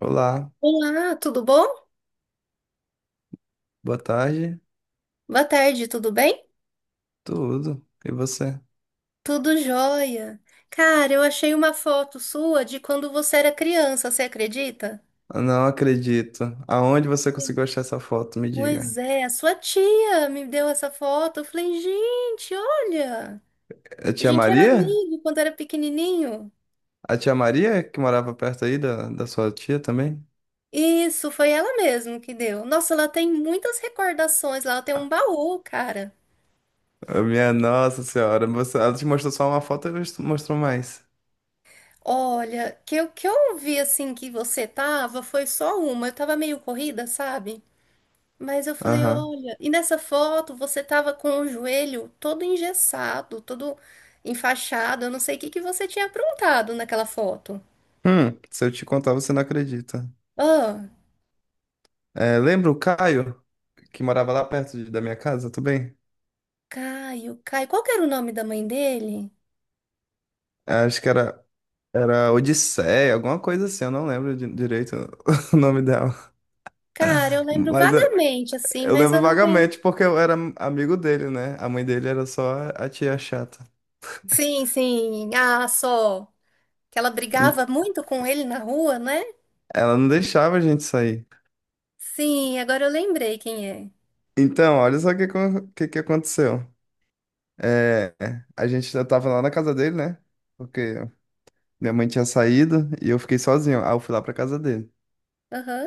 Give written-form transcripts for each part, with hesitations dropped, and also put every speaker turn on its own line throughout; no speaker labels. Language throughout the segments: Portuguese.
Olá,
Olá, tudo bom?
boa tarde,
Boa tarde, tudo bem?
tudo. E você?
Tudo jóia. Cara, eu achei uma foto sua de quando você era criança, você acredita?
Não acredito. Aonde você conseguiu achar essa foto? Me
Pois
diga.
é, a sua tia me deu essa foto. Eu falei, gente, olha,
A
a
tia
gente era
Maria?
amigo quando era pequenininho.
A tia Maria que morava perto aí da sua tia também?
Isso, foi ela mesmo que deu. Nossa, ela tem muitas recordações lá, ela tem um baú, cara.
Ah, minha nossa senhora, você, ela te mostrou só uma foto e mostrou mais.
Olha, que eu vi assim que você tava foi só uma. Eu tava meio corrida, sabe? Mas eu falei,
Aham.
olha, e nessa foto você tava com o joelho todo engessado, todo enfaixado. Eu não sei o que que você tinha aprontado naquela foto.
Se eu te contar, você não acredita.
Ah,
É, lembra o Caio, que morava lá perto da minha casa também?
Caio, Caio. Qual que era o nome da mãe dele?
É, acho que era, era Odisseia, alguma coisa assim, eu não lembro direito o nome dela.
Cara, eu lembro
Mas é.
vagamente, assim,
Eu
mas eu
lembro
não tenho.
vagamente porque eu era amigo dele, né? A mãe dele era só a tia chata.
Sim, sim. Ah, só. Que ela brigava
Ent-
muito com ele na rua, né?
Ela não deixava a gente sair.
Sim, agora eu lembrei quem é.
Então, olha só o que aconteceu. É, a gente já tava lá na casa dele, né? Porque minha mãe tinha saído e eu fiquei sozinho. Aí eu fui lá pra casa dele.
Aham.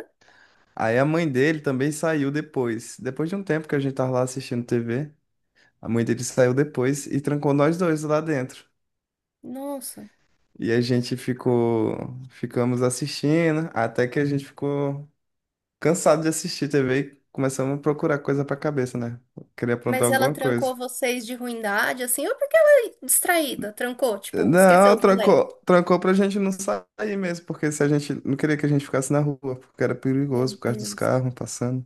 Aí a mãe dele também saiu depois. Depois de um tempo que a gente tava lá assistindo TV, a mãe dele saiu depois e trancou nós dois lá dentro.
Nossa.
E a gente ficou, ficamos assistindo até que a gente ficou cansado de assistir TV e começamos a procurar coisa pra cabeça, né? Queria aprontar
Mas ela
alguma coisa.
trancou vocês de ruindade, assim, ou porque ela é distraída, trancou, tipo, esqueceu
Não,
do lei.
trancou pra gente não sair mesmo, porque se a gente não queria que a gente ficasse na rua, porque era perigoso
Meu
por causa dos
Deus,
carros passando.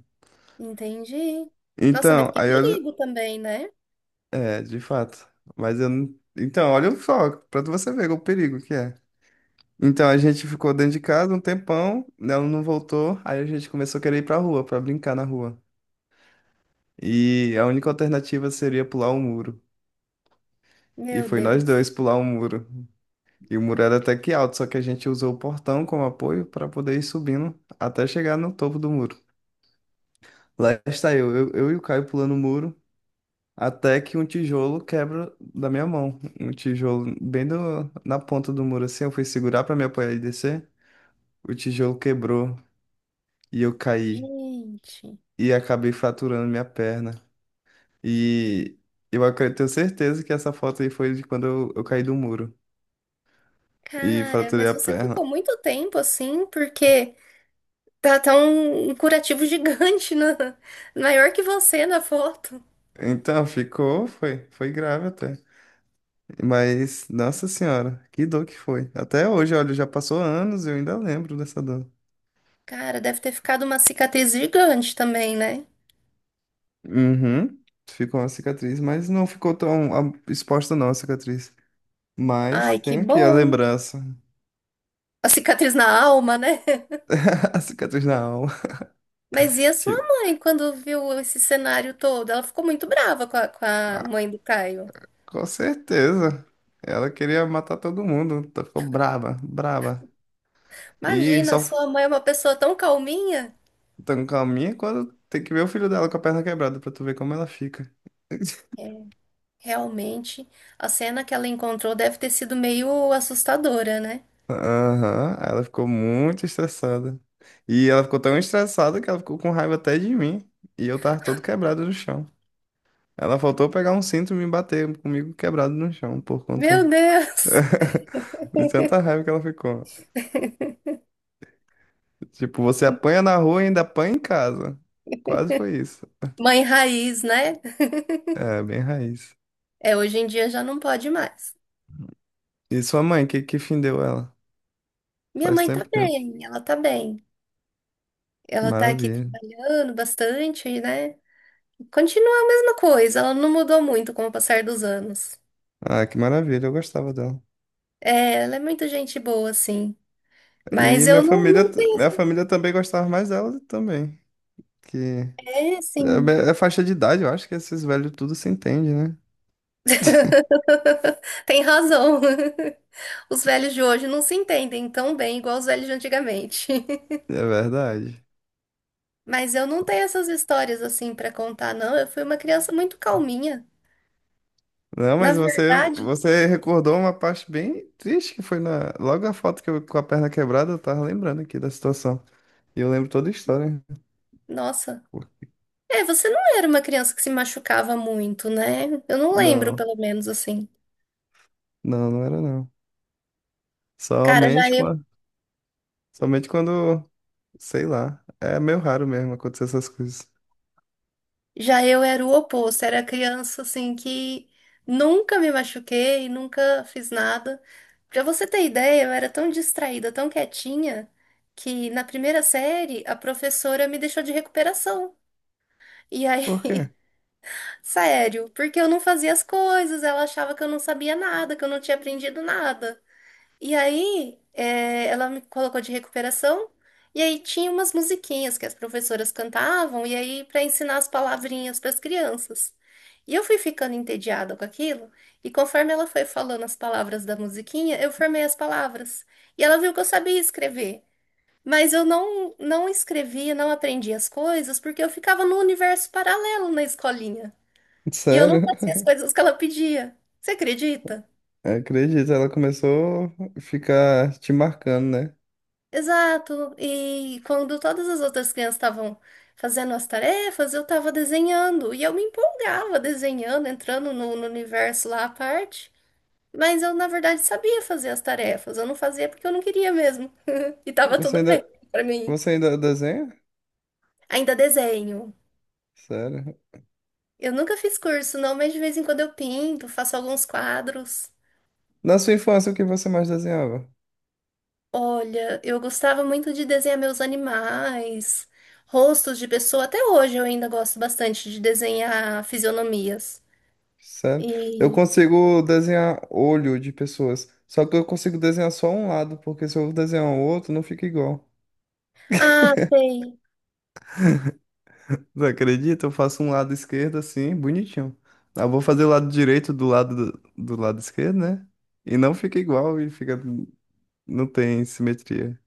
entendi. Nossa, mas
Então,
que
aí olha,
perigo também, né?
é, de fato. Mas eu não. Então, olha o foco, pra você ver o perigo que é. Então a gente ficou dentro de casa um tempão, né, ela não voltou, aí a gente começou a querer ir pra rua, pra brincar na rua. E a única alternativa seria pular um muro. E
Meu
foi nós
Deus.
dois pular um muro. E o muro era até que alto, só que a gente usou o portão como apoio para poder ir subindo até chegar no topo do muro. Lá está eu e o Caio pulando o muro, até que um tijolo quebra da minha mão. Um tijolo bem na ponta do muro, assim. Eu fui segurar para me apoiar e descer. O tijolo quebrou e eu caí.
Gente,
E acabei fraturando minha perna. E eu tenho certeza que essa foto aí foi de quando eu caí do muro e
cara,
fraturei
mas
a
você ficou
perna.
muito tempo assim, porque tá, tá um, um curativo gigante na, maior que você na foto.
Então foi grave até. Mas, nossa senhora, que dor que foi. Até hoje, olha, já passou anos e eu ainda lembro dessa dor.
Cara, deve ter ficado uma cicatriz gigante também, né?
Uhum. Ficou uma cicatriz, mas não ficou tão ah, exposta não a cicatriz. Mas
Ai, que
tem aqui a
bom.
lembrança.
A cicatriz na alma, né?
A cicatriz na alma.
Mas e a sua
Tipo,
mãe quando viu esse cenário todo? Ela ficou muito brava com a
ah,
mãe do Caio.
com certeza. Ela queria matar todo mundo. Então ficou brava, brava. E
Imagina, a
só
sua mãe é uma pessoa tão calminha.
tão calminha quando tem que ver o filho dela com a perna quebrada pra tu ver como ela fica.
É, realmente, a cena que ela encontrou deve ter sido meio assustadora, né?
Aham, ela ficou muito estressada. E ela ficou tão estressada que ela ficou com raiva até de mim. E eu tava todo quebrado no chão. Ela faltou pegar um cinto e me bater comigo quebrado no chão por conta
Meu Deus!
de tanta raiva que ela ficou. Tipo, você apanha na rua e ainda apanha em casa. Quase foi isso.
Mãe raiz, né?
É, bem raiz.
É, hoje em dia já não pode mais.
E sua mãe, que fim deu ela?
Minha
Faz
mãe tá
tempo que eu...
bem, ela tá bem. Ela tá aqui
Maravilha.
trabalhando bastante, né? Continua a mesma coisa, ela não mudou muito com o passar dos anos.
Ah, que maravilha, eu gostava dela.
É, ela é muito gente boa, assim.
E
Mas
minha
eu não,
família,
não
minha
tenho.
família também gostava mais dela também. Que
É,
é, be-
sim.
é faixa de idade, eu acho que esses velhos tudo se entende, né?
Tem razão. Os velhos de hoje não se entendem tão bem igual os velhos de antigamente.
É verdade.
Mas eu não tenho essas histórias assim pra contar, não. Eu fui uma criança muito calminha.
Não,
Na
mas você,
verdade,
você recordou uma parte bem triste que foi na, logo a foto que eu com a perna quebrada, eu tava lembrando aqui da situação. E eu lembro toda a história.
nossa. É, você não era uma criança que se machucava muito, né? Eu não lembro,
Não,
pelo menos, assim.
não, não era não.
Cara, já
Somente
eu,
quando, somente quando, sei lá, é meio raro mesmo acontecer essas coisas.
já eu era o oposto. Era criança, assim, que nunca me machuquei, nunca fiz nada. Pra você ter ideia, eu era tão distraída, tão quietinha, que na primeira série a professora me deixou de recuperação. E aí,
Por quê?
sério, porque eu não fazia as coisas, ela achava que eu não sabia nada, que eu não tinha aprendido nada. E aí, é, ela me colocou de recuperação. E aí tinha umas musiquinhas que as professoras cantavam, e aí para ensinar as palavrinhas para as crianças. E eu fui ficando entediada com aquilo, e conforme ela foi falando as palavras da musiquinha, eu formei as palavras. E ela viu que eu sabia escrever, mas eu não escrevia, não aprendia as coisas, porque eu ficava num universo paralelo na escolinha. E eu não
Sério?
fazia as coisas que ela pedia. Você acredita?
Acredito, ela começou a ficar te marcando, né?
Exato. E quando todas as outras crianças estavam fazendo as tarefas, eu estava desenhando. E eu me empolgava desenhando, entrando no universo lá à parte. Mas eu, na verdade, sabia fazer as tarefas. Eu não fazia porque eu não queria mesmo. E tava
Você
tudo bem
ainda,
para mim.
você ainda desenha?
Ainda desenho.
Sério?
Eu nunca fiz curso, não, mas de vez em quando eu pinto, faço alguns quadros.
Na sua infância, o que você mais desenhava?
Olha, eu gostava muito de desenhar meus animais, rostos de pessoa. Até hoje eu ainda gosto bastante de desenhar fisionomias.
Sério? Eu
E
consigo desenhar olho de pessoas, só que eu consigo desenhar só um lado, porque se eu desenhar o outro, não fica igual.
ah, sei.
Não acredita? Eu faço um lado esquerdo assim, bonitinho. Eu vou fazer o lado direito do lado esquerdo, né? E não fica igual e fica não tem simetria.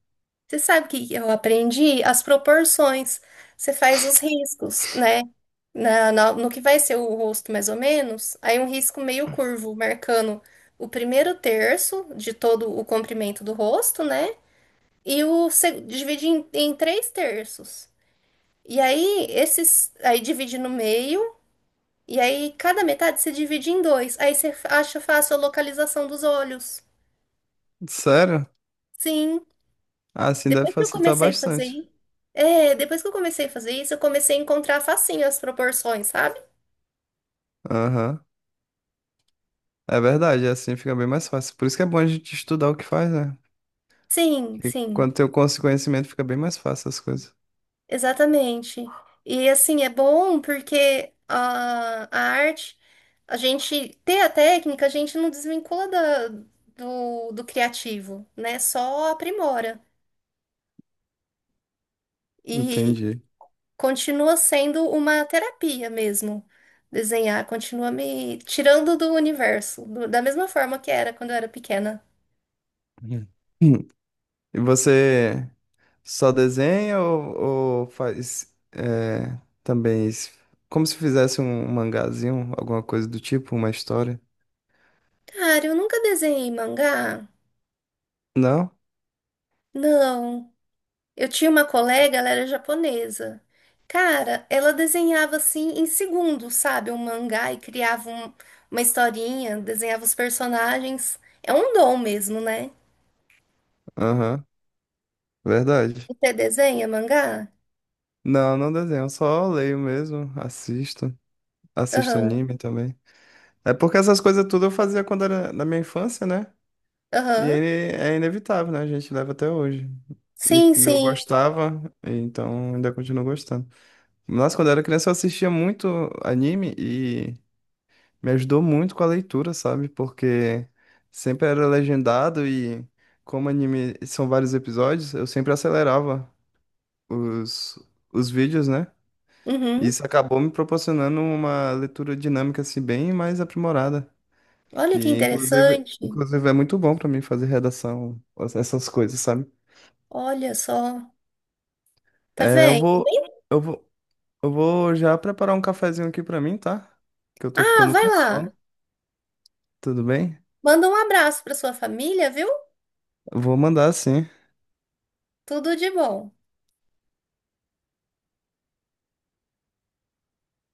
Você sabe o que eu aprendi? As proporções. Você faz os riscos, né? No que vai ser o rosto, mais ou menos. Aí um risco meio curvo, marcando o primeiro terço de todo o comprimento do rosto, né? E o seg- divide em três terços. E aí, esses. Aí divide no meio. E aí, cada metade se divide em dois. Aí você acha fácil a localização dos olhos.
Sério?
Sim.
Ah, assim deve
Depois que eu
facilitar
comecei a fazer
bastante.
isso. É, depois que eu comecei a fazer isso, eu comecei a encontrar facinho as proporções, sabe?
Aham. É verdade, assim fica bem mais fácil. Por isso que é bom a gente estudar o que faz, né?
Sim,
E
sim.
quando tem o conhecimento, fica bem mais fácil as coisas.
Exatamente. E assim, é bom porque a arte, a gente ter a técnica, a gente não desvincula da- do criativo, né? Só aprimora. E,
Entendi.
continua sendo uma terapia mesmo. Desenhar continua me tirando do universo, do- da mesma forma que era quando eu era pequena.
Uhum. Hum. E você só desenha ou faz é, também como se fizesse um mangazinho, alguma coisa do tipo, uma história?
Cara, eu nunca desenhei mangá.
Não?
Não. Eu tinha uma colega, ela era japonesa. Cara, ela desenhava assim em segundos, sabe? Um mangá e criava um- uma historinha, desenhava os personagens. É um dom mesmo, né?
Aham, verdade.
Você desenha mangá?
Não, não desenho, só leio mesmo, assisto, assisto
Aham,
anime também. É porque essas coisas tudo eu fazia quando era na minha infância, né? E
aham.
é inevitável, né? A gente leva até hoje. E
Sim,
que eu
sim.
gostava, então ainda continuo gostando. Nossa, quando eu era criança eu assistia muito anime e me ajudou muito com a leitura, sabe? Porque sempre era legendado e como anime são vários episódios, eu sempre acelerava os, os vídeos, né? E
Uhum.
isso acabou me proporcionando uma leitura dinâmica assim bem mais aprimorada,
Olha que
que inclusive,
interessante.
inclusive é muito bom pra mim fazer redação, essas coisas, sabe?
Olha só. Tá
É,
vendo? Nem-
eu vou, eu vou já preparar um cafezinho aqui pra mim, tá? Que eu tô
Ah,
ficando
vai
com
lá.
sono, tudo bem?
Manda um abraço pra sua família, viu?
Eu vou mandar sim.
Tudo de bom.